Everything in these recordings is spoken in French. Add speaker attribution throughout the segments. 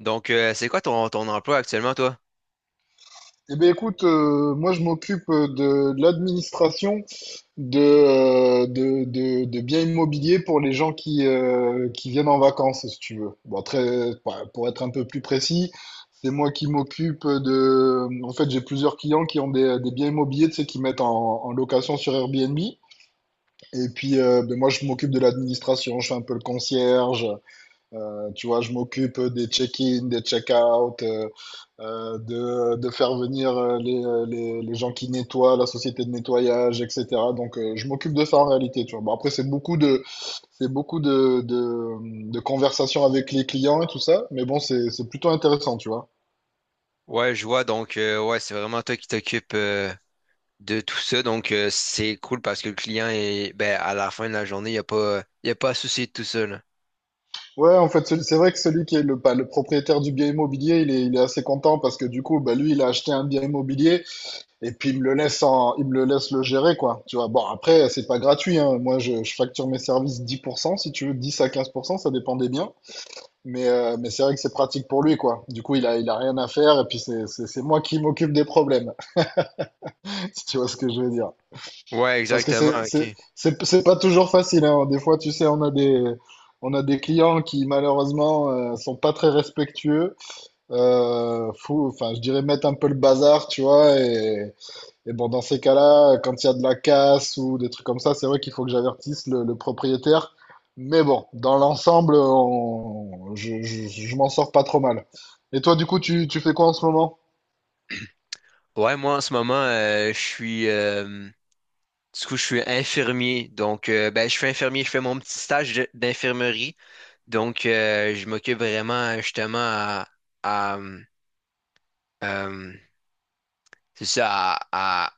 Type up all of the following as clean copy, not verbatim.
Speaker 1: C'est quoi ton emploi actuellement, toi?
Speaker 2: Eh bien, écoute, moi je m'occupe de l'administration de biens immobiliers pour les gens qui viennent en vacances, si tu veux. Bon, bah, pour être un peu plus précis, c'est moi qui m'occupe. En fait, j'ai plusieurs clients qui ont des biens immobiliers, tu sais, qui mettent en location sur Airbnb. Et puis, ben, moi je m'occupe de l'administration, je fais un peu le concierge, tu vois, je m'occupe des check-in, des check-out, de faire venir les gens qui nettoient, la société de nettoyage, etc. Donc, je m'occupe de ça en réalité, tu vois. Bon, après, c'est beaucoup de conversations avec les clients et tout ça, mais bon, c'est plutôt intéressant, tu vois.
Speaker 1: Ouais, je vois. Donc, ouais, c'est vraiment toi qui t'occupes de tout ça. Donc, c'est cool parce que le client est, ben, à la fin de la journée, il a pas à se soucier de tout ça, là.
Speaker 2: Ouais, en fait, c'est vrai que celui qui est le, pas, le propriétaire du bien immobilier, il est assez content parce que du coup, bah, lui, il a acheté un bien immobilier. Et puis il me le laisse en, il me le laisse le gérer quoi. Tu vois. Bon après c'est pas gratuit, hein. Moi je facture mes services 10%, si tu veux, 10 à 15%. Ça dépend des biens. Mais c'est vrai que c'est pratique pour lui quoi. Du coup il a rien à faire et puis c'est moi qui m'occupe des problèmes si tu vois ce que je veux dire.
Speaker 1: Ouais,
Speaker 2: Parce que
Speaker 1: exactement.
Speaker 2: c'est c'est
Speaker 1: OK.
Speaker 2: c'est c'est pas toujours facile, hein. Des fois tu sais on a des clients qui malheureusement sont pas très respectueux. Enfin je dirais mettre un peu le bazar tu vois. Et bon, dans ces cas-là, quand il y a de la casse ou des trucs comme ça, c'est vrai qu'il faut que j'avertisse le propriétaire. Mais bon, dans l'ensemble, je m'en sors pas trop mal. Et toi, du coup, tu fais quoi en ce moment?
Speaker 1: Ouais, moi, en ce moment, du coup, je suis infirmier. Donc, ben, je suis infirmier. Je fais mon petit stage d'infirmerie. Donc, je m'occupe vraiment, justement, à, euh, c'est ça, à, à,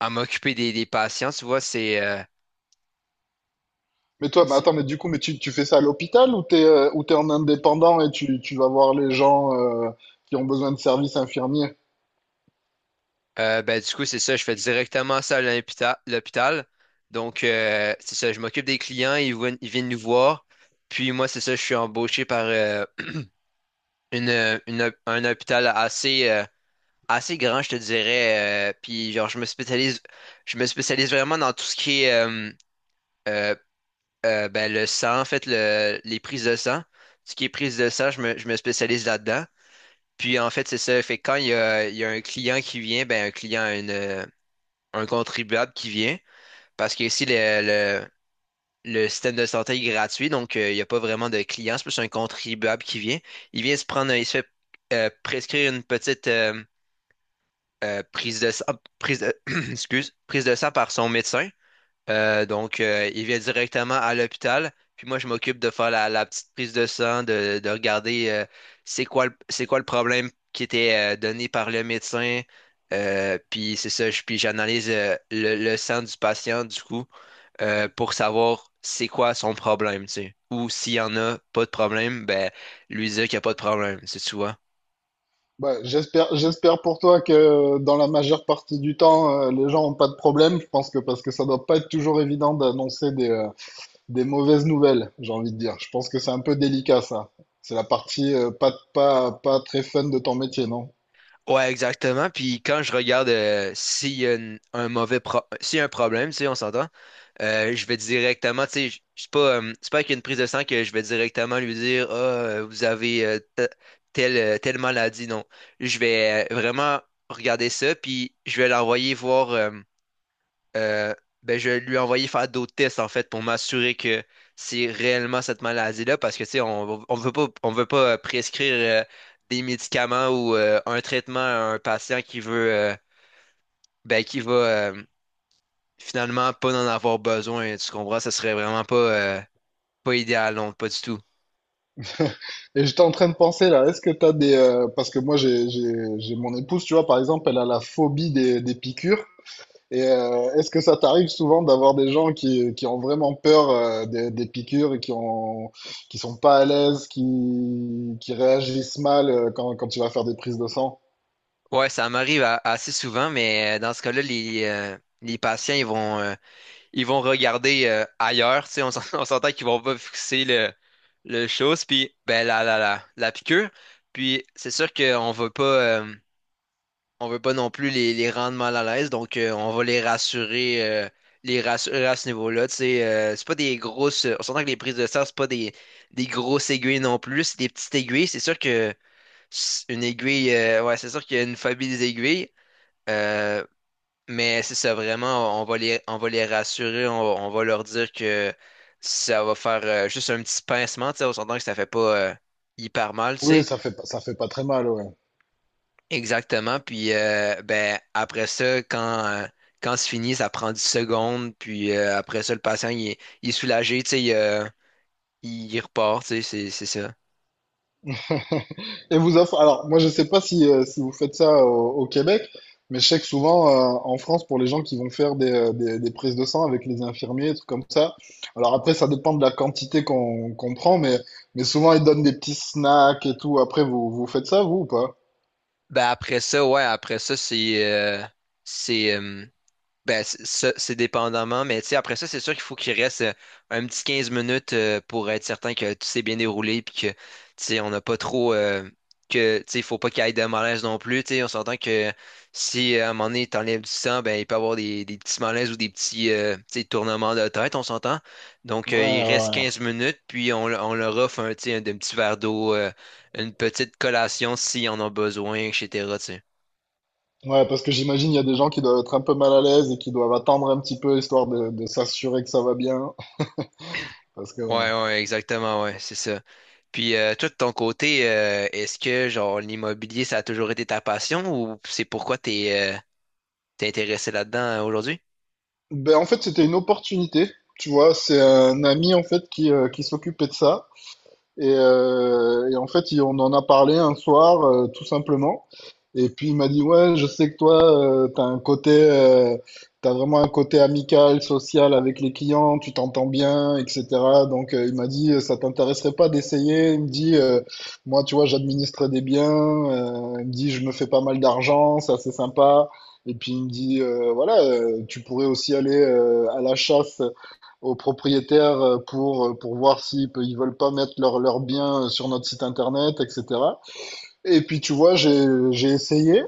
Speaker 1: à m'occuper des patients. Tu vois,
Speaker 2: Mais toi, bah
Speaker 1: si.
Speaker 2: attends, mais du coup, mais tu fais ça à l'hôpital ou t'es en indépendant et tu vas voir les gens qui ont besoin de services infirmiers?
Speaker 1: Ben, du coup, c'est ça, je fais directement ça à l'hôpital. Donc, c'est ça, je m'occupe des clients, ils viennent nous voir. Puis moi, c'est ça, je suis embauché par un hôpital assez grand, je te dirais. Puis genre, je me spécialise vraiment dans tout ce qui est euh, ben, le sang, en fait, les prises de sang. Tout ce qui est prise de sang, je me spécialise là-dedans. Puis en fait, c'est ça, fait que quand il y a un client qui vient, un contribuable qui vient, parce que ici, le système de santé est gratuit, donc il n'y a pas vraiment de clients, c'est plus un contribuable qui vient. Il vient se prendre, un- Il se fait prescrire une petite euh, prise de sang, prise de- excuse, prise de sang par son médecin. Donc, il vient directement à l'hôpital. Puis moi, je m'occupe de faire la petite prise de sang, de regarder c'est quoi le problème qui était donné par le médecin. Puis c'est ça, puis j'analyse le sang du patient, du coup, pour savoir c'est quoi son problème, tu sais. Ou s'il y en a pas de problème, ben lui dire qu'il n'y a pas de problème, tu sais, tu vois.
Speaker 2: Bah, j'espère pour toi que dans la majeure partie du temps, les gens ont pas de problème. Je pense que parce que ça doit pas être toujours évident d'annoncer des mauvaises nouvelles, j'ai envie de dire. Je pense que c'est un peu délicat, ça. C'est la partie pas très fun de ton métier, non?
Speaker 1: Ouais, exactement. Puis quand je regarde s'il y a un problème, tu sais, on s'entend, je vais directement, tu sais, c'est pas avec une prise de sang que je vais directement lui dire, ah, vous avez telle, telle maladie. Non, je vais vraiment regarder ça, puis je vais l'envoyer voir. Euh, ben, je lui ai envoyé faire d'autres tests, en fait, pour m'assurer que c'est réellement cette maladie-là, parce que, tu sais, on veut pas prescrire euh, des médicaments ou un traitement à un patient qui va finalement pas en avoir besoin, tu comprends? Ce serait vraiment pas idéal, non, pas du tout.
Speaker 2: Et j'étais en train de penser, là, est-ce que t'as des... parce que moi, j'ai mon épouse, tu vois, par exemple, elle a la phobie des piqûres. Et est-ce que ça t'arrive souvent d'avoir des gens qui ont vraiment peur des piqûres et qui sont pas à l'aise, qui réagissent mal quand tu vas faire des prises de sang?
Speaker 1: Ouais, ça m'arrive assez souvent, mais dans ce cas-là, les patients, ils vont regarder ailleurs, tu sais, on s'entend qu'ils vont pas fixer le chose, puis ben la piqûre, puis c'est sûr qu'on veut pas, non plus les rendre mal à l'aise, donc on va les rassurer à ce niveau-là, tu sais, c'est pas des grosses, on s'entend que les prises de sang, c'est pas des grosses aiguilles non plus, c'est des petites aiguilles, c'est sûr que une aiguille, ouais, c'est sûr qu'il y a une famille des aiguilles, euh, mais c'est ça, vraiment, on va les rassurer, on va leur dire que ça va faire juste un petit pincement, tu sais, on s'entend que ça fait pas hyper mal, tu
Speaker 2: Oui,
Speaker 1: sais.
Speaker 2: ça fait pas très mal, ouais.
Speaker 1: Exactement. Puis ben après ça, quand c'est fini, ça prend 10 secondes, puis après ça, le patient il est soulagé, tu sais, il repart, tu sais, c'est ça.
Speaker 2: Et vous offre, alors moi je sais pas si vous faites ça au Québec, mais je sais que souvent en France, pour les gens qui vont faire des prises de sang avec les infirmiers, des trucs comme ça, alors après ça dépend de la quantité qu'on prend, mais souvent ils donnent des petits snacks et tout. Après, vous, vous faites ça, vous ou pas?
Speaker 1: Ben après ça, ouais, après ça, c'est ben, c'est ça, c'est dépendamment, mais tu sais, après ça, c'est sûr qu'il faut qu'il reste un petit 15 minutes pour être certain que tout s'est bien déroulé puis que, tu sais, on n'a pas trop, que, tu sais, il faut pas qu'il y ait de malaise non plus, tu sais, on s'entend que si à un moment donné, t'enlèves du sang, ben, il peut y avoir des petits malaises ou des petits, tu sais, tournements de tête, on s'entend. Donc,
Speaker 2: Ouais,
Speaker 1: il reste
Speaker 2: ouais,
Speaker 1: 15 minutes, puis on leur offre un, tu sais, un petit verre d'eau, une petite collation si on en a besoin, etc., tu sais.
Speaker 2: ouais. Ouais, parce que j'imagine il y a des gens qui doivent être un peu mal à l'aise et qui doivent attendre un petit peu histoire de s'assurer que ça va bien. Parce que
Speaker 1: Ouais,
Speaker 2: bon.
Speaker 1: ouais, exactement, ouais, c'est ça. Puis toi, de ton côté, est-ce que genre l'immobilier, ça a toujours été ta passion ou c'est pourquoi t'es intéressé là-dedans aujourd'hui?
Speaker 2: Ben, en fait, c'était une opportunité. Tu vois, c'est un ami en fait qui s'occupait de ça. Et en fait, on en a parlé un soir, tout simplement. Et puis il m'a dit, ouais, je sais que toi, tu t'as un côté, t'as vraiment un côté amical, social avec les clients, tu t'entends bien, etc. Donc il m'a dit, ça t'intéresserait pas d'essayer? Il me dit, moi, tu vois, j'administre des biens. Il me dit, je me fais pas mal d'argent, ça c'est sympa. Et puis il me dit, voilà, tu pourrais aussi aller à la chasse aux propriétaires pour voir s'ils pe- ils veulent pas mettre leurs biens sur notre site internet, etc. Et puis tu vois, j'ai essayé.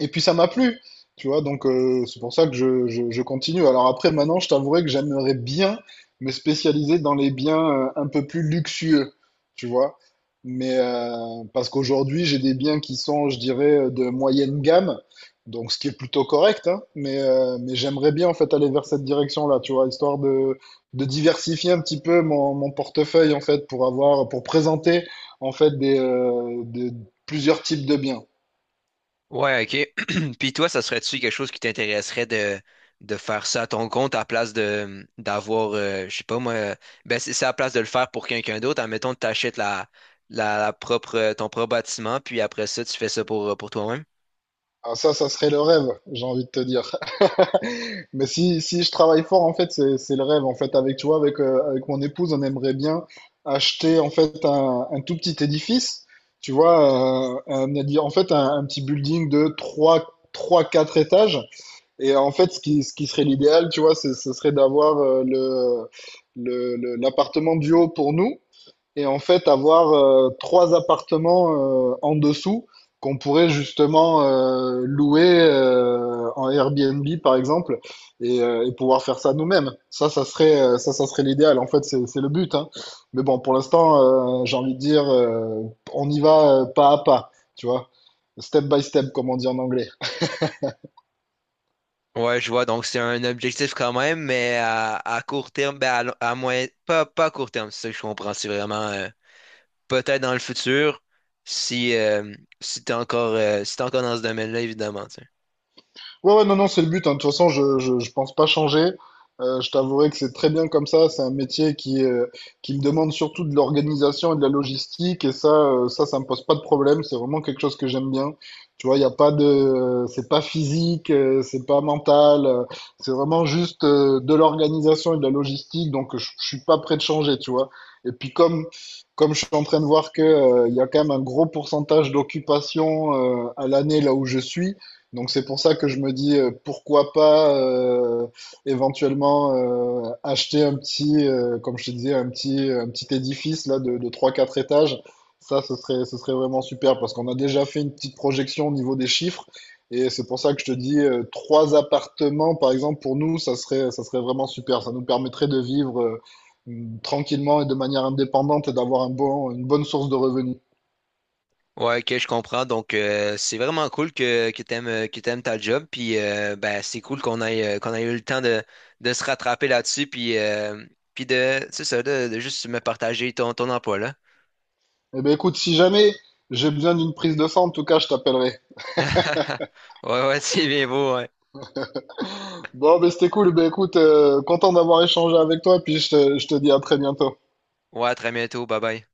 Speaker 2: Et puis ça m'a plu, tu vois, donc c'est pour ça que je continue. Alors après, maintenant, je t'avouerai que j'aimerais bien me spécialiser dans les biens un peu plus luxueux, tu vois. Mais parce qu'aujourd'hui, j'ai des biens qui sont, je dirais, de moyenne gamme, donc ce qui est plutôt correct, hein, mais j'aimerais bien en fait aller vers cette direction-là, tu vois, histoire de, diversifier un petit peu mon portefeuille en fait pour avoir, pour présenter en fait plusieurs types de biens.
Speaker 1: Ouais, ok. Puis toi, ça serait-tu quelque chose qui t'intéresserait de faire ça à ton compte à place de d'avoir, je sais pas moi, ben c'est à place de le faire pour quelqu'un d'autre. Admettons, t'achètes ton propre bâtiment, puis après ça, tu fais ça pour toi-même.
Speaker 2: Ah, ça serait le rêve, j'ai envie de te dire. Mais si, si je travaille fort, en fait, c'est le rêve. En fait, avec, tu vois, avec mon épouse, on aimerait bien acheter, en fait, un tout petit édifice. Tu vois, en fait, un petit building de 4 étages. Et en fait, ce qui serait l'idéal, tu vois, ce serait d'avoir l'appartement du haut pour nous et en fait avoir trois appartements en dessous qu'on pourrait justement louer en Airbnb par exemple et pouvoir faire ça nous-mêmes. Ça, ça serait l'idéal. En fait, c'est le but, hein. Mais bon, pour l'instant, j'ai envie de dire, on y va pas à pas, tu vois, step by step, comme on dit en anglais.
Speaker 1: Ouais, je vois. Donc, c'est un objectif quand même, mais à court terme, ben à moyen, pas à court terme, c'est ça que je comprends. C'est vraiment peut-être dans le futur, si, euh, si t'es encore dans ce domaine-là, évidemment. Tu sais.
Speaker 2: Ouais, ouais, non, non, c'est le but, hein. De toute façon, je pense pas changer. Je t'avouerai que c'est très bien comme ça. C'est un métier qui me demande surtout de l'organisation et de la logistique. Et ça, ça me pose pas de problème. C'est vraiment quelque chose que j'aime bien. Tu vois, il y a pas de, c'est pas physique, c'est pas mental. C'est vraiment juste de l'organisation et de la logistique. Donc, je suis pas prêt de changer, tu vois. Et puis, comme je suis en train de voir que, il y a quand même un gros pourcentage d'occupation, à l'année là où je suis. Donc c'est pour ça que je me dis pourquoi pas éventuellement acheter comme je te disais, un petit édifice là de 3-4 étages. Ça, ce serait vraiment super parce qu'on a déjà fait une petite projection au niveau des chiffres. Et c'est pour ça que je te dis trois appartements, par exemple, pour nous, ça serait vraiment super. Ça nous permettrait de vivre tranquillement et de manière indépendante et d'avoir un bon, une bonne source de revenus.
Speaker 1: Ouais, ok, je comprends. Donc, c'est vraiment cool que t'aimes ta job. Puis, ben, c'est cool qu'on ait eu le temps de se rattraper là-dessus. Puis, puis de, c'est ça, de juste me partager ton emploi là.
Speaker 2: Eh bien écoute, si jamais j'ai besoin d'une prise de sang, en tout cas, je t'appellerai.
Speaker 1: Ouais, ouais, c'est bien beau. Ouais,
Speaker 2: Bon, mais c'était cool. Ben, écoute, content d'avoir échangé avec toi, puis je te dis à très bientôt.
Speaker 1: ouais, à très bientôt. Bye bye.